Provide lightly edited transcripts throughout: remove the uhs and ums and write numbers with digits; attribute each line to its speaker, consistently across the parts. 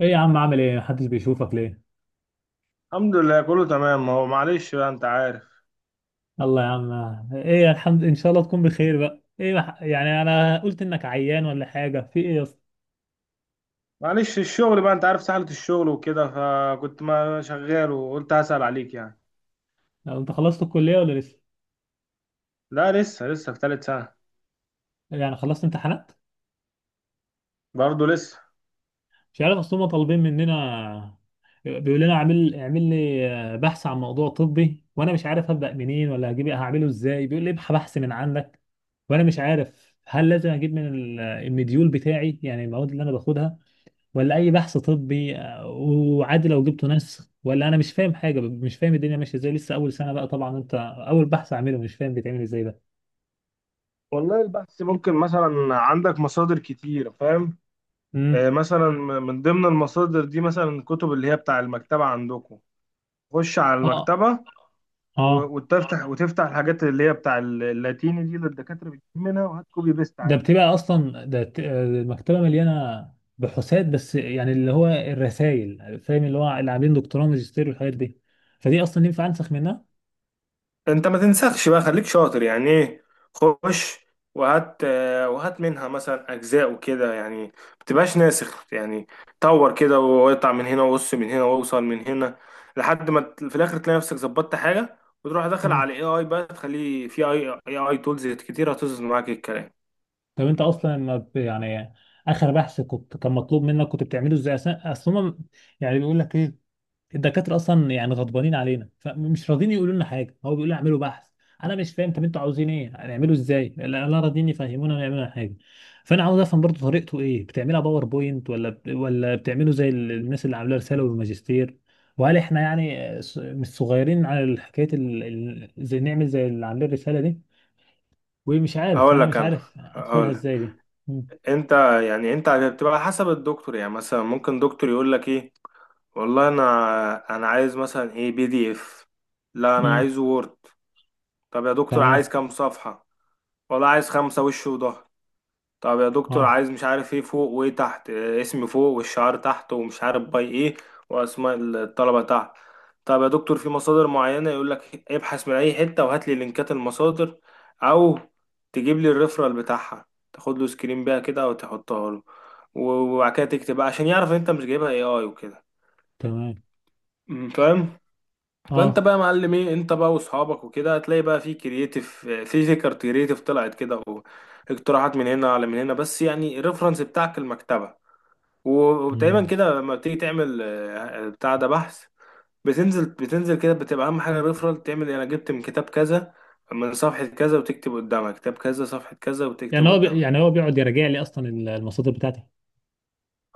Speaker 1: ايه يا عم، عامل ايه؟ محدش بيشوفك ليه؟
Speaker 2: الحمد لله، كله تمام. هو معلش بقى انت عارف.
Speaker 1: الله يا عم. ايه الحمد، ان شاء الله تكون بخير بقى. ايه يعني انا قلت انك عيان ولا حاجه، في ايه يا اسطى؟
Speaker 2: معلش، الشغل بقى انت عارف سهلة، الشغل وكده فكنت ما شغال وقلت هسأل عليك يعني.
Speaker 1: لو انت خلصت الكليه ولا لسه؟
Speaker 2: لا، لسه في تالت سنة.
Speaker 1: يعني خلصت امتحانات؟
Speaker 2: برضه لسه.
Speaker 1: مش عارف، اصل هم طالبين مننا، بيقول لنا اعمل اعمل لي بحث عن موضوع طبي، وانا مش عارف ابدا منين، ولا هجيب هعمله ازاي. بيقول لي ابحث بحث من عندك. وانا مش عارف هل لازم اجيب من المديول بتاعي يعني المواد اللي انا باخدها، ولا اي بحث طبي. وعادي لو جبته نسخ؟ ولا انا مش فاهم حاجه، مش فاهم الدنيا ماشيه ازاي، لسه اول سنه بقى طبعا انت، اول بحث اعمله مش فاهم بيتعمل ازاي ده.
Speaker 2: والله البحث ممكن مثلا عندك مصادر كتير، فاهم.
Speaker 1: امم.
Speaker 2: مثلا، من ضمن المصادر دي مثلا الكتب اللي هي بتاع المكتبة عندكم. خش على
Speaker 1: اه.
Speaker 2: المكتبة و-
Speaker 1: اه.
Speaker 2: وتفتح وتفتح الحاجات اللي هي بتاع اللاتيني دي اللي الدكاترة بتجيب منها، وهات كوبي بيست.
Speaker 1: ده بتبقى اصلا ده المكتبه مليانه بحوثات، بس يعني اللي هو الرسائل، فاهم، اللي هو اللي عاملين دكتوراه ماجستير والحاجات دي، فدي اصلا ينفع انسخ منها؟
Speaker 2: انت ما تنسخش بقى، خليك شاطر، يعني ايه؟ خش وهات منها مثلا اجزاء وكده، يعني ما تبقاش ناسخ يعني. طور كده واقطع من هنا وقص من هنا واوصل من هنا لحد ما في الاخر تلاقي نفسك ظبطت حاجه. وتروح داخل
Speaker 1: امم.
Speaker 2: على اي اي بقى، تخليه في اي اي تولز كتير هتظبط معاك الكلام.
Speaker 1: طب انت اصلا ما ب- يعني اخر بحث كنت كان مطلوب منك كنت بتعمله ازاي؟ اصلا هم يعني بيقول لك ايه؟ الدكاتره اصلا يعني غضبانين علينا، فمش راضين يقولوا لنا حاجه، هو بيقول لي اعملوا بحث. انا مش فاهم، طب انتوا عاوزين ايه، هنعمله ازاي؟ لا لا راضيين يفهمونا نعمل حاجه. فانا عاوز افهم برضو طريقته ايه، بتعملها باوربوينت ولا ولا بتعمله زي الناس اللي عامله رساله والماجستير؟ وهل احنا يعني مش صغيرين على حكايه زي نعمل زي اللي عاملين الرساله دي؟ ومش عارف،
Speaker 2: هقول
Speaker 1: انا
Speaker 2: لك
Speaker 1: مش
Speaker 2: انا
Speaker 1: عارف ادخلها
Speaker 2: هقول لك
Speaker 1: ازاي دي. مم.
Speaker 2: انت. يعني انت بتبقى على حسب الدكتور. يعني مثلا ممكن دكتور يقول لك ايه؟ والله انا عايز مثلا ايه، بي دي اف. لا انا
Speaker 1: مم.
Speaker 2: عايزه وورد. طب يا دكتور، عايز
Speaker 1: تمام.
Speaker 2: كام صفحة؟ والله عايز خمسة وش وظهر. طب يا دكتور
Speaker 1: اه.
Speaker 2: عايز مش عارف ايه فوق وايه تحت، اسم فوق والشعار تحت ومش عارف باي ايه، واسماء الطلبة تحت. طب يا دكتور في مصادر معينة، يقول لك ابحث من اي حتة وهات لي لينكات المصادر. او تجيب لي الريفرال بتاعها، تاخد له سكرين بيها كده وتحطها له. وبعد كده تكتب بقى عشان يعرف ان انت مش جايبها اي اي وكده.
Speaker 1: تمام.
Speaker 2: فاهم. فانت
Speaker 1: اه.
Speaker 2: بقى يا معلم ايه، انت بقى واصحابك وكده هتلاقي بقى في كرييتيف، في فكر كرييتيف طلعت كده، واقتراحات من هنا على من هنا، بس يعني الريفرنس بتاعك المكتبه. وتقريبا
Speaker 1: مم.
Speaker 2: كده لما بتيجي تعمل بتاع ده، بحث، بتنزل كده، بتبقى اهم حاجه الريفرنس. تعمل إيه؟ انا جبت من كتاب كذا من صفحه كذا، وتكتب قدامها كتاب كذا صفحه كذا،
Speaker 1: يعني
Speaker 2: وتكتب
Speaker 1: هو بي...
Speaker 2: قدامها.
Speaker 1: يعني هو بيقعد يراجع لي اصلا المصادر بتاعتي؟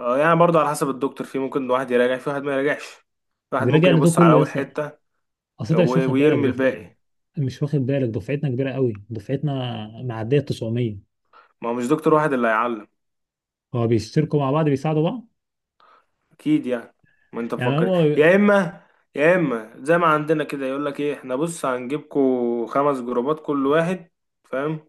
Speaker 2: يعني برضه على حسب الدكتور. في ممكن واحد يراجع، في واحد ما يراجعش، في واحد
Speaker 1: بيراجع
Speaker 2: ممكن
Speaker 1: لي ده
Speaker 2: يبص على
Speaker 1: كله؟
Speaker 2: اول
Speaker 1: يس.
Speaker 2: حته
Speaker 1: اصل انت مش واخد بالك
Speaker 2: ويرمي الباقي.
Speaker 1: مش واخد بالك دفعتنا كبيره قوي، دفعتنا معديه 900.
Speaker 2: ما هو مش دكتور واحد اللي هيعلم،
Speaker 1: هو بيشتركوا مع بعض بيساعدوا بعض.
Speaker 2: اكيد يعني. ما انت
Speaker 1: يعني
Speaker 2: مفكر،
Speaker 1: هم،
Speaker 2: يا اما زي ما عندنا كده، يقول لك ايه؟ احنا بص هنجيبكوا خمس جروبات كل واحد، فاهم.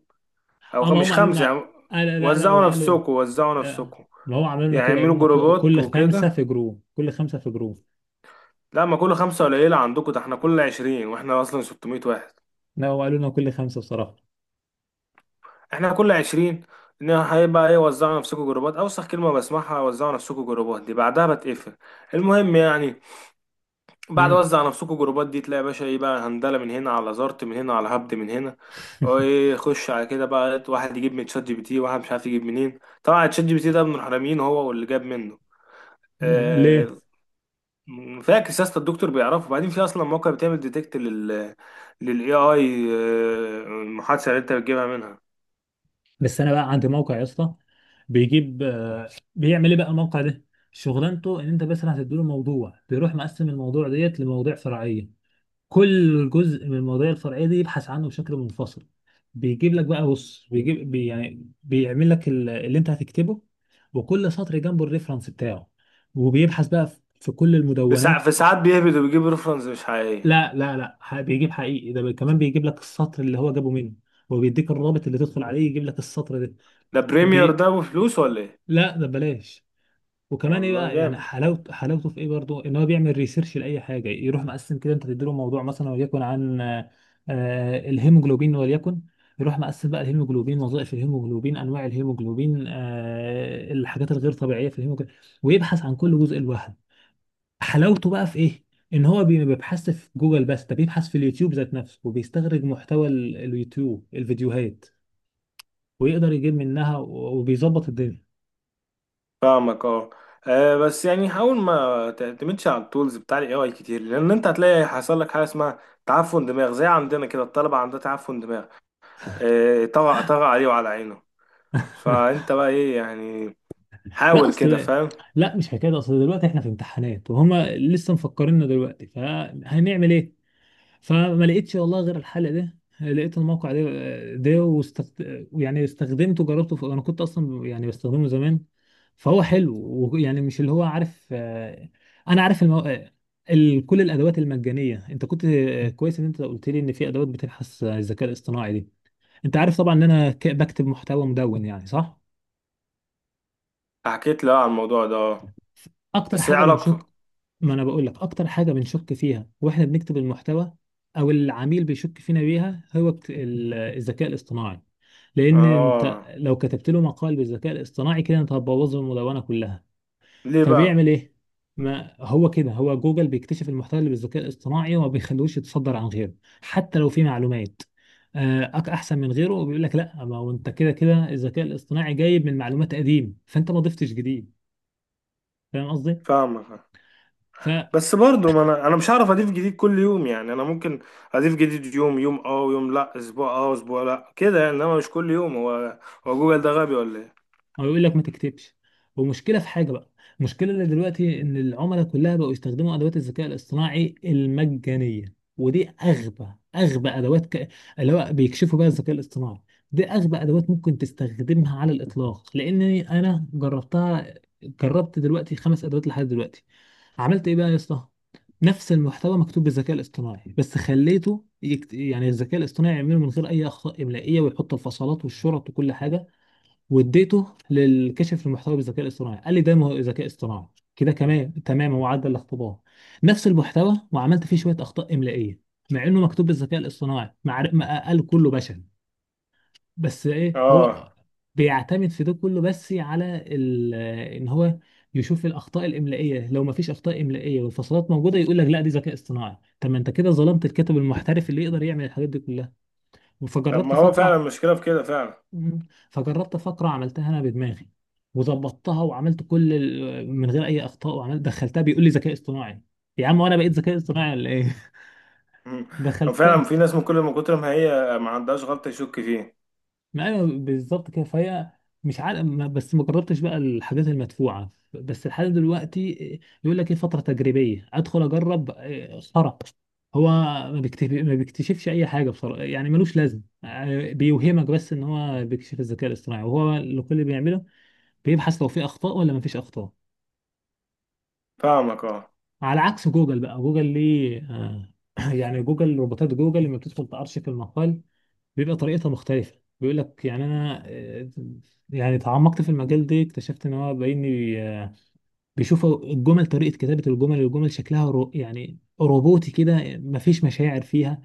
Speaker 2: او
Speaker 1: اما
Speaker 2: مش
Speaker 1: هم قالوا
Speaker 2: خمسه يعني.
Speaker 1: لنا، آه لا لا لا،
Speaker 2: وزعوا
Speaker 1: وقالوا،
Speaker 2: نفسكم، وزعوا
Speaker 1: آه،
Speaker 2: نفسكم،
Speaker 1: ما هو عملوا لنا
Speaker 2: يعني
Speaker 1: كده، قالوا
Speaker 2: اعملوا
Speaker 1: لنا
Speaker 2: جروبات
Speaker 1: كل خمسه
Speaker 2: وكده.
Speaker 1: في جروب، كل خمسه في جروب.
Speaker 2: لا، ما كل خمسه قليله عندكم، ده احنا كل عشرين، واحنا اصلا 600 واحد.
Speaker 1: لا هو قالوا لنا كل خمسه بصراحه.
Speaker 2: احنا كل عشرين، ان هيبقى ايه، وزعوا نفسكم جروبات، اوسخ كلمه بسمعها، وزعوا نفسكم جروبات دي، بعدها بتقفل المهم يعني. بعد
Speaker 1: مم.
Speaker 2: وزع نفسكوا جروبات دي، تلاقي يا باشا ايه بقى، هندله من هنا على زارت من هنا على هبد من هنا وايه. خش على كده بقى، واحد يجيب من تشات جي بي تي، واحد مش عارف يجيب منين. طبعا تشات جي بي تي ده من الحراميين، هو واللي جاب منه.
Speaker 1: ليه؟
Speaker 2: آه، فاكر سياسة الدكتور بيعرفه بعدين؟ في اصلا موقع بتعمل ديتكت لل للاي اي المحادثه اللي انت بتجيبها منها.
Speaker 1: بس انا بقى عندي موقع يا اسطى بيجيب. بيعمل ايه بقى الموقع ده؟ شغلانته ان انت مثلا هتديله موضوع، بيروح مقسم الموضوع ديت لمواضيع فرعيه، كل جزء من المواضيع الفرعيه دي يبحث عنه بشكل منفصل. بيجيب لك بقى، بص، بيجيب بي يعني بيعمل لك اللي انت هتكتبه، وكل سطر جنبه الريفرنس بتاعه، وبيبحث بقى في في كل
Speaker 2: في ساعات
Speaker 1: المدونات.
Speaker 2: في ساعات بيهبد وبيجيب ريفرنس مش حقيقيه.
Speaker 1: لا لا لا، بيجيب حقيقي، ده كمان بيجيب لك السطر اللي هو جابه منه، وبيديك الرابط اللي تدخل عليه يجيب لك السطر ده.
Speaker 2: ده بريمير،
Speaker 1: بي...
Speaker 2: ده بفلوس ولا ايه؟
Speaker 1: لا ده بلاش. وكمان ايه
Speaker 2: والله
Speaker 1: بقى يعني،
Speaker 2: جامد.
Speaker 1: حلاوته حلاوته في ايه برضو، ان هو بيعمل ريسيرش لاي حاجه، يروح مقسم كده، انت تديله موضوع مثلا وليكن عن الهيموجلوبين وليكن، يروح مقسم بقى الهيموجلوبين، وظائف الهيموجلوبين، انواع الهيموجلوبين، الحاجات الغير طبيعيه في الهيموجلوبين، ويبحث عن كل جزء لوحده. حلاوته بقى في ايه؟ ان هو ما بيبحثش في جوجل بس، ده بيبحث في اليوتيوب ذات نفسه، وبيستخرج محتوى اليوتيوب الفيديوهات، ويقدر يجيب منها، وبيظبط الدنيا.
Speaker 2: فاهمك اه. بس يعني حاول ما تعتمدش على التولز بتاع الاي اي كتير، لان انت هتلاقي حصل لك حاجه اسمها تعفن دماغ، زي عندنا كده الطلبه عندها تعفن دماغ. طغى طغى عليه وعلى عينه. فانت بقى ايه يعني،
Speaker 1: لا
Speaker 2: حاول كده
Speaker 1: اصل،
Speaker 2: فاهم.
Speaker 1: لا مش حكايه اصل، دلوقتي احنا في امتحانات وهم لسه مفكريننا دلوقتي، فهنعمل ايه؟ فما لقيتش والله غير الحل ده، لقيت الموقع ده، يعني استخدمته، جربته، انا كنت اصلا يعني بستخدمه زمان، فهو حلو. ويعني مش اللي هو عارف، انا عارف كل الادوات المجانيه. انت كنت كويس ان انت قلت لي ان في ادوات بتبحث عن الذكاء الاصطناعي دي. انت عارف طبعا ان انا بكتب محتوى مدون، يعني صح،
Speaker 2: حكيت له على الموضوع ده، اه.
Speaker 1: اكتر
Speaker 2: بس ايه
Speaker 1: حاجه بنشك.
Speaker 2: علاقته؟
Speaker 1: ما انا بقول لك اكتر حاجه بنشك فيها واحنا بنكتب المحتوى، او العميل بيشك فينا بيها، هو الذكاء الاصطناعي. لان انت
Speaker 2: اه.
Speaker 1: لو كتبت له مقال بالذكاء الاصطناعي كده انت هتبوظ المدونه كلها.
Speaker 2: ليه بقى؟
Speaker 1: فبيعمل ايه؟ ما هو كده هو، جوجل بيكتشف المحتوى اللي بالذكاء الاصطناعي وما بيخلوش يتصدر عن غيره، حتى لو فيه معلومات احسن من غيره، وبيقول لك لا، ما هو انت كده كده الذكاء الاصطناعي جايب من معلومات قديم، فانت ما ضفتش جديد. فاهم قصدي؟
Speaker 2: فاهمك آه. بس برضه، ما انا مش هعرف اضيف جديد كل يوم يعني. انا ممكن اضيف جديد يوم يوم اه، ويوم لا، اسبوع اه، اسبوع لا كده يعني، انما مش كل يوم. هو جوجل ده غبي ولا؟
Speaker 1: هو يقول لك ما تكتبش، ومشكله في حاجه بقى. المشكله اللي دلوقتي ان العملاء كلها بقوا يستخدموا ادوات الذكاء الاصطناعي المجانيه، ودي اغبى ادوات اللي هو بيكشفوا بقى الذكاء الاصطناعي. دي اغبى ادوات ممكن تستخدمها على الاطلاق، لان انا جربتها، جربت دلوقتي خمس ادوات لحد دلوقتي. عملت ايه بقى يا اسطى؟ نفس المحتوى مكتوب بالذكاء الاصطناعي، بس خليته يعني الذكاء الاصطناعي يعمله من غير اي اخطاء املائيه، ويحط الفصلات والشرط وكل حاجه، واديته للكشف المحتوى بالذكاء الاصطناعي، قال لي ده ذكاء اصطناعي. كده كمان تمام، هو عدى الاختبار. نفس المحتوى وعملت فيه شويه اخطاء املائيه، مع انه مكتوب بالذكاء الاصطناعي، مع ما قال كله بشر. بس ايه،
Speaker 2: اه،
Speaker 1: هو بيعتمد في ده كله بس على ان هو يشوف الاخطاء الاملائيه، لو ما فيش اخطاء املائيه والفصلات موجوده يقول لك لا دي ذكاء اصطناعي. طب ما انت كده ظلمت الكاتب المحترف اللي يقدر يعمل الحاجات دي كلها.
Speaker 2: طب
Speaker 1: فجربت
Speaker 2: ما هو فعلا
Speaker 1: فقرة.
Speaker 2: المشكلة في كده فعلا.
Speaker 1: مم. فجربت فقرة عملتها أنا بدماغي، وظبطتها، وعملت كل من غير أي أخطاء، وعملت دخلتها بيقول لي ذكاء اصطناعي. يا عم، وأنا بقيت ذكاء اصطناعي ولا إيه؟
Speaker 2: مم. هو فعلا
Speaker 1: دخلتها.
Speaker 2: في ناس من كل ما كتر ما هي ما عندهاش غلطة يشك فيه.
Speaker 1: ما أيوه بالظبط كده، فهي مش عارف بس ما جربتش بقى الحاجات المدفوعة بس لحد دلوقتي. يقول لك إيه، فترة تجريبية، أدخل أجرب خرا. هو ما بيكتشفش أي حاجة بصراحة يعني، ملوش لازم. بيوهمك بس إن هو بيكشف الذكاء الاصطناعي، وهو اللي كل اللي بيعمله بيبحث لو في أخطاء ولا ما فيش أخطاء.
Speaker 2: فاهمك اه.
Speaker 1: على عكس جوجل بقى، جوجل ليه يعني جوجل، روبوتات جوجل لما بتدخل تأرشف المقال بيبقى طريقتها مختلفة. بيقول لك يعني انا يعني تعمقت في المجال ده، اكتشفت ان هو باين لي، بيشوف الجمل، طريقة كتابة الجمل، الجمل شكلها يعني روبوتي كده، مفيش مشاعر فيها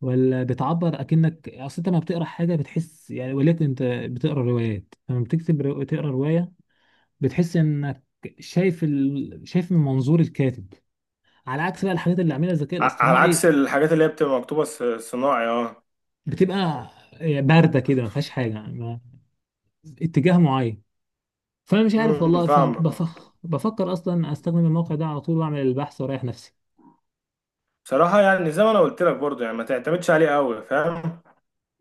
Speaker 1: ولا بتعبر، اكنك اصل انت لما بتقرا حاجة بتحس، يعني ولكن انت بتقرا روايات، لما بتكتب تقرا رواية بتحس انك شايف شايف من منظور الكاتب، على عكس بقى الحاجات اللي عاملها الذكاء
Speaker 2: على
Speaker 1: الاصطناعي،
Speaker 2: عكس الحاجات اللي هي بتبقى مكتوبة صناعي، اه.
Speaker 1: بتبقى بارده كده، ما فيهاش حاجه، ما اتجاه معين. فانا مش عارف والله،
Speaker 2: فاهمك اه.
Speaker 1: بفكر اصلا استخدم الموقع ده على طول، واعمل البحث واريح نفسي.
Speaker 2: بصراحة يعني زي ما انا قلت لك برضه، يعني ما تعتمدش عليه قوي، فاهم.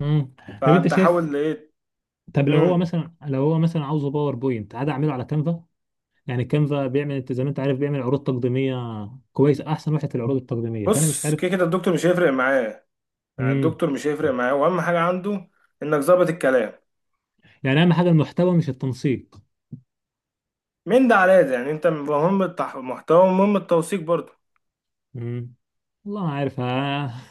Speaker 1: امم. طب انت
Speaker 2: فانت
Speaker 1: شايف؟
Speaker 2: حاول ايه.
Speaker 1: طب لو هو
Speaker 2: مم.
Speaker 1: مثلا لو هو مثلا عاوزه باوربوينت، عادي اعمله على كانفا. يعني كانفا بيعمل، انت زي ما انت عارف بيعمل عروض تقديميه، كويس، احسن واحد في العروض التقديميه، فانا مش
Speaker 2: بص،
Speaker 1: عارف.
Speaker 2: كده كده الدكتور مش هيفرق معاه. يعني
Speaker 1: امم.
Speaker 2: الدكتور مش هيفرق معاه، واهم حاجة عنده انك ظابط الكلام.
Speaker 1: يعني اهم حاجه المحتوى مش التنسيق؟
Speaker 2: من ده على ده يعني، انت مهم المحتوى، ومهم التوثيق برضه.
Speaker 1: مم. والله ما عارف، ها.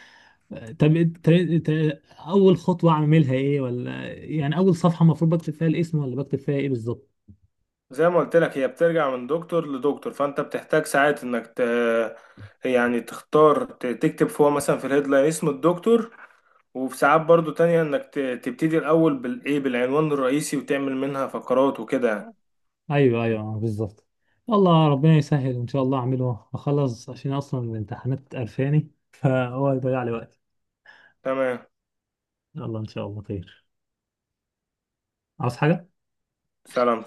Speaker 1: طب اول خطوه اعملها ايه، ولا يعني اول صفحه المفروض بكتب فيها الاسم ولا بكتب فيها ايه بالظبط؟
Speaker 2: زي ما قلت لك، هي بترجع من دكتور لدكتور، فانت بتحتاج ساعات انك يعني تختار، تكتب فوق مثلا في الهيدلاين اسم الدكتور. وفي ساعات برضو تانية انك تبتدي الاول بالايه بالعنوان الرئيسي، وتعمل منها فقرات وكده يعني.
Speaker 1: ايوه ايوه بالظبط. الله ربنا يسهل، ان شاء الله اعمله اخلص، عشان اصلا الامتحانات قرفاني فهو هيضيع لي وقتي.
Speaker 2: تمام.
Speaker 1: يلا ان شاء الله خير. عاوز حاجه؟
Speaker 2: سلام.